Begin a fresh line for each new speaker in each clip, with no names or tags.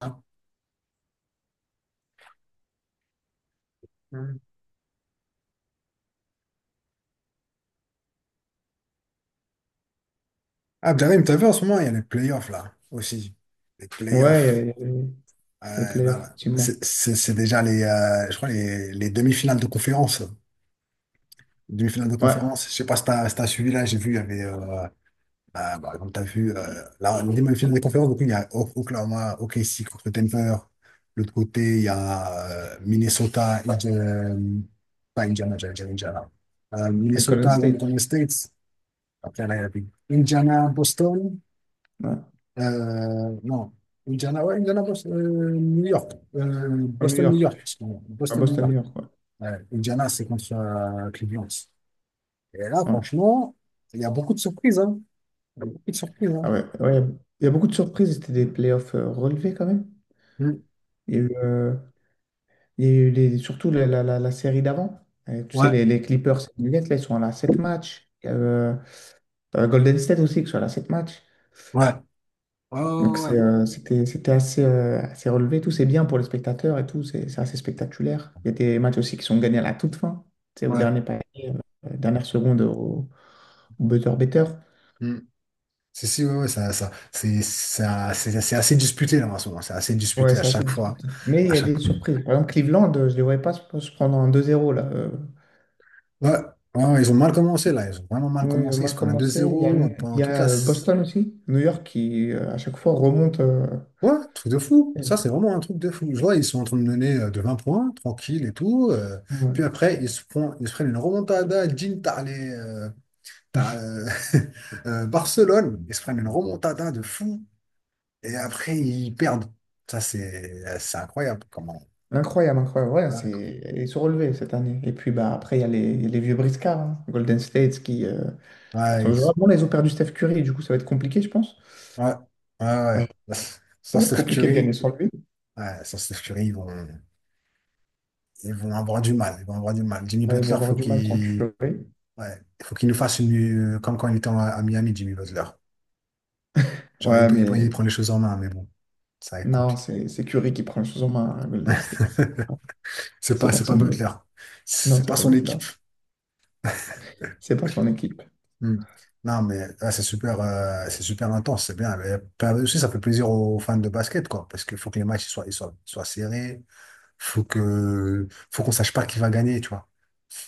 Hein. Mhm. Ah, Abderrahim, t'as vu en ce moment, il y a les playoffs là aussi. Les
Ouais, il y a
playoffs. Euh,
les playoffs,
Là, là.
effectivement.
C'est déjà les, je crois les demi-finales de conférence. Demi-finales de
Ouais, à
conférence. Je sais pas si t'as suivi là, j'ai vu, il y avait, bah, comme t'as vu, là, les demi-finales de conférence, donc il y a Oklahoma, OKC contre Denver. L'autre côté, il y a Minnesota, pas Indiana, j'allais dire Indiana.
Golden
Minnesota,
State.
Golden State. Après, là, il y avait Indiana, Boston.
Ouais.
آه نعم إنديانا أو إنديانا بوست... آه نيويورك آه
À New
بوسton New
York.
York excusez-moi.
À
Boston
Boston,
نيويورك
New York, ouais.
Ouais, Indiana c'est contre Cleveland. Et là,
Ouais.
franchement, il y a beaucoup de surprises, hein. Il y a beaucoup de surprises, hein.
Ah ouais, ouais. Il y a beaucoup de surprises. C'était des playoffs relevés quand même.
Hmm.
Il y a eu, il y a eu les- surtout la série d'avant. Tu sais,
Ouais,
les Clippers et les Nuggets, là, ils sont à la 7 matchs. Il y a, Golden State aussi, qui sont à la 7 matchs.
ouais, ouais,
Donc
ouais,
c'est, euh, c'était, c'était assez assez relevé, tout c'est bien pour les spectateurs et tout, c'est assez spectaculaire. Il y a des matchs aussi qui sont gagnés à la toute fin, c'est au
ouais, ouais.
dernier panier, dernière seconde au buzzer beater.
Hmm. c'est si ouais, ouais, ça c'est assez disputé là en ce moment, c'est assez
Ouais,
disputé à
c'est assez
chaque fois.
disputé. Mais il
à
y a des
chaque ouais,
surprises. Par exemple, Cleveland, je ne les voyais pas se prendre un 2-0 là. Euh,
ouais, ouais, ils ont mal commencé, là ils ont vraiment mal
oui,
commencé,
on
ils
a
se prennent un deux
commencé. Il y a,
zéro
il
pendant
y
toute
a,
la.
euh, Boston aussi, New York qui à chaque fois remonte.
Ouais, truc de fou. Ça, c'est vraiment un truc de fou. Je vois, ils sont en train de mener, de 20 points, tranquille et tout. Puis
Ouais.
après, ils se prennent une remontada. Jim, t'as les, t'as, Barcelone. Ils se prennent une remontada de fou. Et après, ils perdent. Ça, c'est incroyable. Comment.
Incroyable, incroyable. Ouais,
Incroyable.
ils sont relevés cette année. Et puis bah, après, il y a les vieux briscards, hein. Golden State qui.
Ouais,
Parce que vraiment, là, ils ont perdu Steph Curry, et du coup, ça va être compliqué, je pense.
ouais, ouais.
Euh,
Ouais.
Ça
Sans
va être
Steph
compliqué de gagner
Curry,
sans lui.
ouais, sans Steph Curry, ils vont avoir du mal. Ils vont avoir du mal. Jimmy
Ouais, ils vont
Butler,
avoir
faut
du mal sans
qu'il
Curry.
ouais, il faut qu'il nous fasse une, comme quand il était à Miami, Jimmy Butler. Genre,
Ouais,
il
mais
prend les choses en main, mais bon, ça va être
non,
compliqué.
c'est Curry qui prend les choses en main à Golden State. Ah,
C'est
c'est
pas, c'est pas
personne d'autre.
Butler.
Non,
C'est
c'est
pas
pas
son
lui
équipe.
là. C'est pas son équipe.
Hmm. Non, mais là, c'est super intense, c'est bien. Mais, aussi, ça fait plaisir aux fans de basket, quoi, parce qu'il faut que les matchs ils soient serrés. Faut qu'on sache pas qui va gagner, tu vois.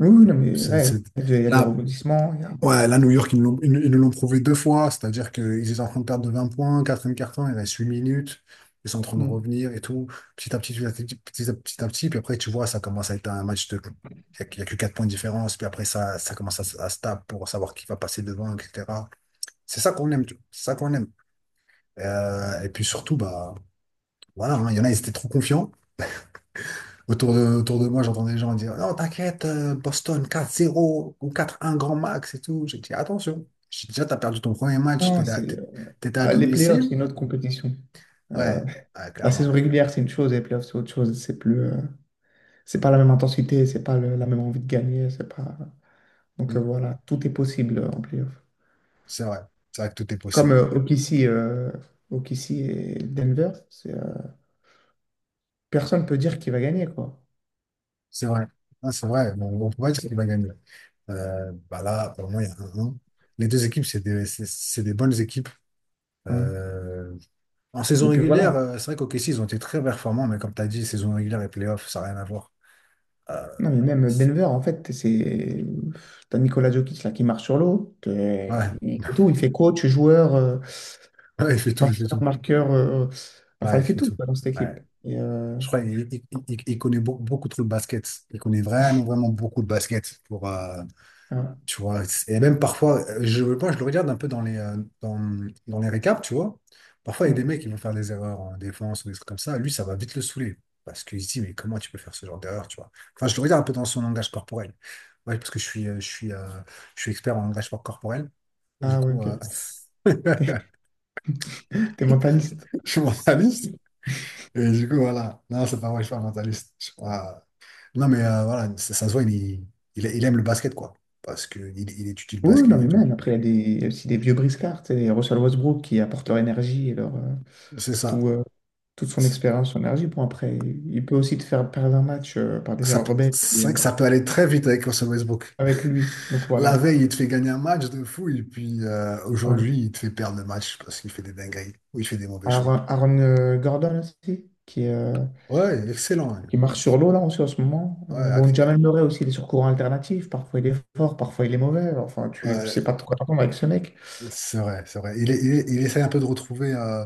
Oui, oui,
Tu
non,
vois.
mais ouais, il y a des
Là,
rebondissements.
Ouais, là, New York, ils nous l'ont prouvé deux fois, c'est-à-dire qu'ils étaient en train de perdre de 20 points, quatrième carton, il reste 8 minutes, ils sont en train de
Mm.
revenir et tout, petit à petit, petit à petit, petit à petit, puis après, tu vois, ça commence à être un match de. Il y a que 4 points de différence, puis après, ça commence à se taper pour savoir qui va passer devant, etc. C'est ça qu'on aime, tu vois, c'est ça qu'on aime. Et puis surtout, bah, voilà, hein, il y en a, ils étaient trop confiants. Autour de moi, j'entends des gens dire non, t'inquiète, Boston 4-0 ou 4-1 grand max et tout. J'ai dit attention, j'ai dit, déjà, t'as perdu ton premier match,
Non, c'est, euh,
t'étais à
ah, les playoffs,
domicile.
c'est une autre compétition. Euh,
Ouais, ouais,
la saison
clairement.
régulière, c'est une chose, et les playoffs, c'est autre chose. C'est plus. C'est pas la même intensité, c'est pas la même envie de gagner, c'est pas. Donc
Mm.
voilà, tout est possible en playoff.
C'est vrai, c'est vrai que tout est
Comme
possible.
OKC, OKC et Denver, personne peut dire qui va gagner, quoi.
C'est vrai. Non, c'est vrai. Bon, on peut pas dire qu'il va gagner. Bah là, pour moi, il y a un 1. Les deux équipes, c'est des bonnes équipes.
Ouais.
Euh, En saison
Et puis
régulière,
voilà.
c'est vrai qu'OKC, ils ont été très performants, mais comme t'as dit, saison régulière et playoff, ça n'a rien à voir. Euh,
Non, mais même Denver, en fait, c'est. T'as Nikola Jokic là qui marche sur l'eau.
ouais.
Il fait tout, il fait coach, joueur,
Ouais, il fait tout, il fait
passeur,
tout.
marqueur. Enfin,
Ouais,
il
il
fait
fait
tout
tout.
quoi, dans cette
Ouais.
équipe. Et,
Je crois qu'il il connaît beaucoup, trop le basket. Il connaît vraiment, vraiment beaucoup de basket, pour,
ah,
tu vois. Et même parfois, moi, je le regarde un peu dans les récaps, tu vois. Parfois, il y a des
mm.
mecs qui vont faire des erreurs en défense ou des trucs comme ça. Lui, ça va vite le saouler. Parce qu'il se dit, mais comment tu peux faire ce genre d'erreur, tu vois. Enfin, je le regarde un peu dans son langage corporel. Ouais, parce que je suis expert en langage corporel. Du
Ah, ouais,
coup,
ok. T'es mentaliste.
je suis mentaliste. Et du coup, voilà. Non, c'est pas vrai, je suis pas mentaliste. Je suis pas- Non, mais voilà, ça se voit, il aime le basket, quoi. Parce qu'il il étudie le
Oui, non,
basket
mais
et tout.
même, après, il y a aussi des vieux briscards, tu sais, les Russell Westbrook qui apportent leur énergie et leur
C'est
tout,
ça.
euh, toute son
C'est-
expérience, son énergie. Bon, après, il peut aussi te faire perdre un match par des erreurs rebelles
C'est
et
vrai que ça peut aller très vite avec Russell Westbrook.
avec lui. Donc
La
voilà.
veille, il te fait gagner un match de fou, et puis
Ouais.
aujourd'hui, il te fait perdre le match parce qu'il fait des dingueries ou il fait des mauvais choix.
Aaron Gordon aussi, qui, euh,
Ouais, excellent, hein.
qui marche
Ex-
sur l'eau là aussi en ce moment.
Ouais,
Bon, Jamal Murray aussi, il est sur courant alternatif. Parfois, il est fort, parfois, il est mauvais. Enfin, tu sais
ouais.
pas de quoi t'attendre avec ce mec.
C'est vrai, c'est vrai. Il essaie un peu de retrouver,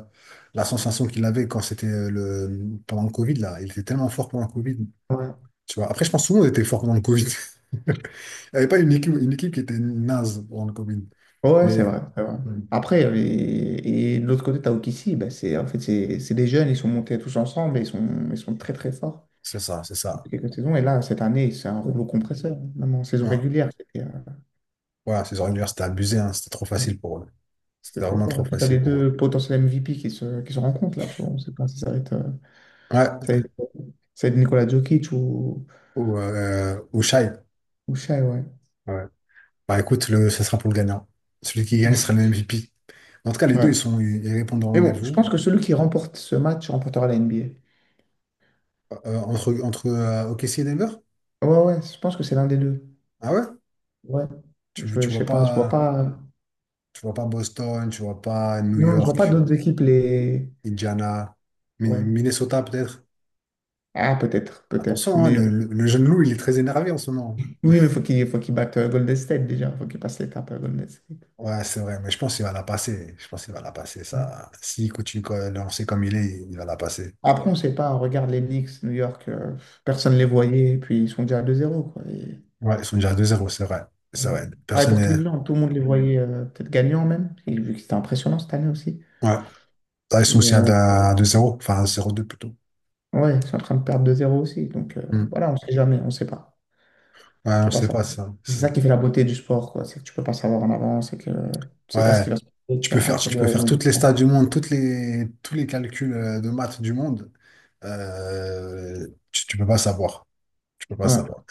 la sensation qu'il avait quand c'était, le pendant le Covid là. Il était tellement fort pendant le Covid.
Ouais.
Tu vois. Après, je pense que tout le monde était fort pendant le Covid. Il n'y avait pas une équipe qui était naze pendant le Covid.
Ouais, c'est
Mais
vrai, c'est vrai.
mm,
Après, et de l'autre côté, t'as Okissi, bah, c'est, en fait, c'est des jeunes, ils sont montés tous ensemble et ils sont très très forts
c'est ça, c'est
depuis
ça.
quelques saisons. Et là, cette année, c'est un rouleau compresseur, même en saison
Ouais.
régulière, c'était
Voilà, ces organisateurs, c'était abusé, hein. C'était trop
ouais,
facile pour eux.
c'était
C'était
trop
vraiment
fort. Et
trop
puis, t'as
facile
les
pour eux.
deux potentiels MVP qui se rencontrent là, tu vois. On sait pas si ça va être,
Ouais.
ça va être, ça va être Nikola Jokic ou,
Ou Shai.
ou Shai, ouais.
Ouais. Bah écoute, ça sera pour le gagnant. Celui qui gagne sera le MVP. En tout cas, les deux, ils
Ouais.
sont, ils ils répondent au
Mais bon, je
rendez-vous.
pense que celui qui remporte ce match remportera la NBA.
Entre OKC et Denver?
Ouais, ouais, je pense que c'est l'un des deux.
Ah ouais?
Ouais.
Tu
Je
vois
sais pas, je vois
pas,
pas.
tu vois pas Boston, tu vois pas New
Non, je vois pas
York,
d'autres équipes les.
Indiana,
Ouais.
Minnesota peut-être.
Ah, peut-être, peut-être.
Attention, hein,
Mais
le jeune loup, il est très énervé en ce moment.
oui, mais faut qu'il batte Golden State déjà. Faut qu'il passe l'étape à Golden State.
Ouais, c'est vrai, mais je pense qu'il va la passer. Je pense qu'il va la passer,
Mm.
ça. S'il continue, de lancer comme il est, il va la passer.
Après, on sait pas. On regarde les Knicks, New York, personne les voyait. Et puis ils sont déjà à 2-0, quoi. Et,
Ouais, ils sont déjà à 2-0, c'est vrai. C'est
ouais.
vrai.
Pareil
Personne
pour
n'est.
Cleveland, tout le monde les voyait peut-être gagnants même. Et vu que c'était impressionnant cette année aussi.
Ouais. Ah, ils sont
Et
aussi à 2-0, enfin à 0-2 plutôt.
ouais, ils sont en train de perdre 2-0 aussi. Donc
Hmm.
voilà, on sait jamais, on sait pas.
Ouais, on
Faut pas
sait
savoir.
pas ça.
C'est ça qui fait la beauté du sport, quoi. C'est que tu peux pas savoir en avance et que tu sais pas ce
Ouais,
qui va se passer,
tu
qu'il y
peux faire,
a, qu'il y
tu
a des
peux faire toutes les stats
rebondissements.
du monde, tous les calculs, de maths du monde. Tu peux pas savoir. Tu peux pas
Ouais,
savoir.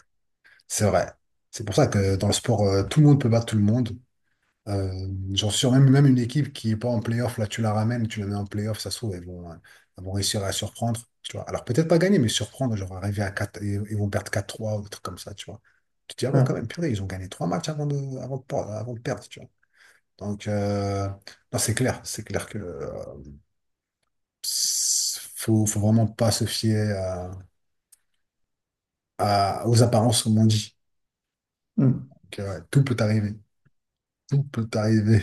C'est vrai. C'est pour ça que dans le sport, tout le monde peut battre tout le monde. Euh, J'en suis sûr, même, même une équipe qui est pas en playoff, là, tu la ramènes, tu la mets en playoff, ça se trouve, elles vont réussir à surprendre. Tu vois. Alors peut-être pas gagner, mais surprendre, genre arriver à quatre, ils vont perdre 4-3 ou des trucs comme ça, tu vois. Tu te dis, ah ouais, quand
ouais.
même, purée, ils ont gagné trois matchs avant de perdre, tu vois. Donc, non, c'est clair que, faut vraiment pas se fier, aux apparences, comme on dit.
Mm.
Donc, ouais, tout peut arriver, tout peut arriver.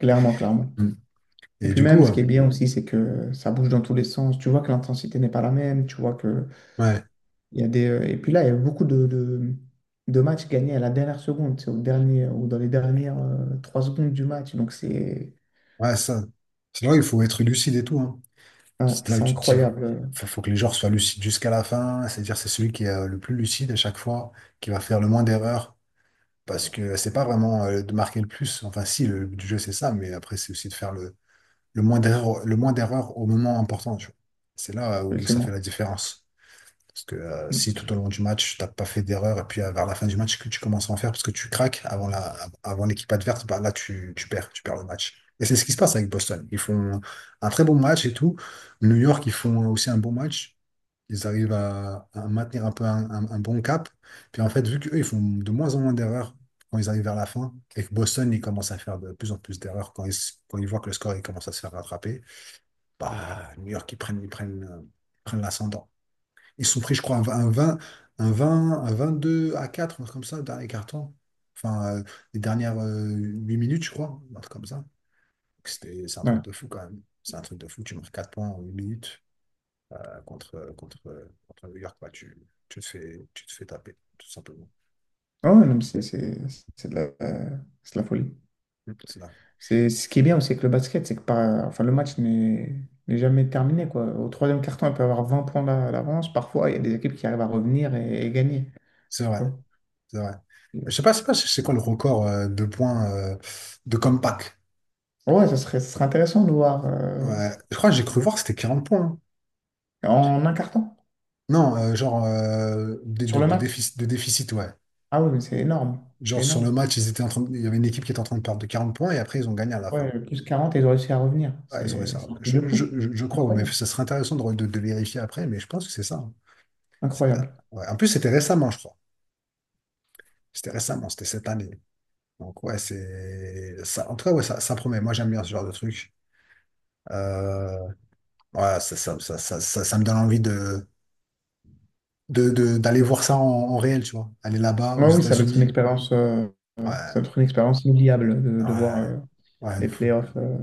Clairement, clairement.
Mm.
Et
Et
puis
du
même,
coup,
ce qui est bien aussi, c'est que ça bouge dans tous les sens. Tu vois que l'intensité n'est pas la même. Tu vois que
ouais,
il y a des. Et puis là, il y a beaucoup de matchs gagnés à la dernière seconde, c'est au dernier ou dans les dernières 3 secondes du match. Donc c'est,
ouais, ça, c'est là où il faut être lucide et tout, hein.
ouais,
C'est là où
c'est
tu te dis,
incroyable,
faut que les joueurs soient lucides jusqu'à la fin. C'est-à-dire, c'est celui qui est, le plus lucide à chaque fois, qui va faire le moins d'erreurs, parce que c'est pas vraiment, de marquer le plus. Enfin, si, le but du jeu c'est ça, mais après c'est aussi de faire le moins d'erreurs, le moins d'erreurs au moment important, tu vois. C'est là,
le
où ça fait
climat.
la différence. Parce que, si
Mm.
tout au long du match, tu n'as pas fait d'erreur, et puis, vers la fin du match, que tu commences à en faire parce que tu craques avant l'équipe adverse, bah, là, tu perds le match. Et c'est ce qui se passe avec Boston. Ils font un très bon match et tout. New York, ils font aussi un bon match. Ils arrivent à maintenir un peu un bon cap. Puis en fait, vu qu'eux, ils font de moins en moins d'erreurs quand ils arrivent vers la fin, et que Boston, ils commencent à faire de plus en plus d'erreurs quand ils voient que le score, il commence à se faire rattraper. Bah, New York, ils prennent l'ascendant. Ils sont pris, je crois, un, v- un 20 un 20 un 22 à quatre, un truc comme ça, dernier carton. Enfin, les dernières, 8 minutes, je crois, un truc comme ça. Donc, C'est un truc
Ouais.
de fou quand même. C'est un truc de fou. Tu marques 4 points en 8 minutes, contre New York. Bah, tu te fais taper, tout simplement.
Ah ouais, non, mais c'est de la, euh, c'est de la folie.
Mm. C'est dingue.
C'est ce qui est bien aussi avec le basket, c'est que enfin, le match n'est jamais terminé, quoi. Au troisième carton, il peut y avoir 20 points d'avance. Parfois, il y a des équipes qui arrivent à revenir et gagner.
C'est vrai,
Tu vois.
c'est vrai. Je sais pas, c'est quoi le record, de points, de comeback.
Ouais, ça serait intéressant de voir
Ouais. Je crois que j'ai cru voir que c'était 40 points, hein.
en un carton
Non, genre, de,
sur
de,
le
de
match.
déficit, de déficit, ouais.
Ah oui, mais c'est énorme. C'est
Genre, sur
énorme.
le match, ils étaient il y avait une équipe qui était en train de perdre de 40 points et après ils ont gagné à la fin.
Ouais, plus 40 ils ont réussi à revenir.
Ah, ils auraient
C'est
ça.
c'est un truc de
Je, je,
fou.
je je crois, ouais, mais
Incroyable.
ça serait intéressant de vérifier après, mais je pense que c'est ça, hein. C'était-
Incroyable.
ouais. En plus, c'était récemment, je crois. C'était récemment, c'était cette année. Donc ouais, c'est ça. En tout cas, ouais, ça promet. Moi, j'aime bien ce genre de truc. Euh, ouais, ça me donne envie d'aller voir ça en réel, tu vois. Aller là-bas aux
Ouais, oui, ça doit être une
États-Unis.
expérience, ça
Ouais,
doit être une expérience inoubliable de voir.
ouais. Ouais.
Les playoffs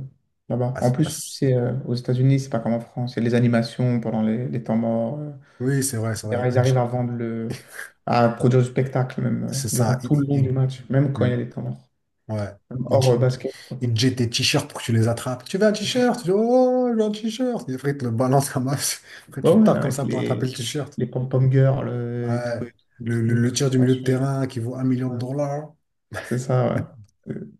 là-bas.
Ah,
En plus, tu sais, aux États-Unis, c'est pas comme en France. Il y a les animations pendant les temps morts,
oui, c'est vrai, c'est vrai.
etc. Ils arrivent à vendre à produire du spectacle même
C'est
durant
ça.
tout le long du match, même quand
Hmm,
il y a des temps morts.
ouais.
Même
Il,
hors
il-
basket, quoi.
il jette tes t-shirts pour que tu les attrapes. Tu veux un t-shirt? Tu dis, oh, je veux un t-shirt. Et après, il te le balance comme ça. Après,
Ouais,
tu
ouais, mais
tapes comme
avec
ça pour attraper le t-shirt.
les pom-pom girls
Ouais.
et tout,
Le,
tout,
le,
tout,
le
tout ce
tir du
qu'on
milieu de
suit, ouais.
terrain qui vaut un million
Ouais,
de dollars.
c'est ça, ouais. Euh,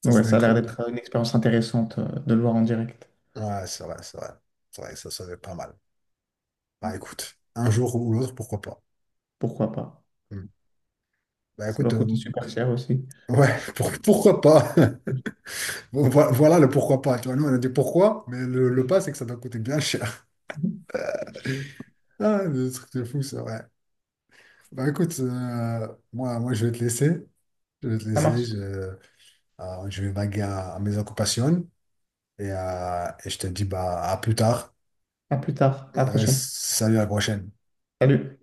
Ça,
donc, ouais,
ça va
ça a
être
l'air
cool.
d'être une expérience intéressante de le voir en direct.
Ouais, c'est vrai, c'est vrai. C'est vrai, ça va être pas mal. Bah, écoute, un jour ou l'autre, pourquoi pas.
Pourquoi pas?
Hmm. Bah,
Ça
écoute,
doit coûter super cher aussi.
ouais, pourquoi pas. Bon, voilà le pourquoi pas. Tu vois, nous, on a dit pourquoi, mais le
Mhm.
pas, c'est que ça doit coûter bien cher. Ah, le truc de fou, ça, ouais. Bah écoute, moi, je vais te laisser. Je vais te
Ça
laisser.
marche.
Je vais vaguer à mes occupations, et je te dis bah, à plus tard.
À plus tard, à la prochaine.
Salut, à la prochaine.
Salut.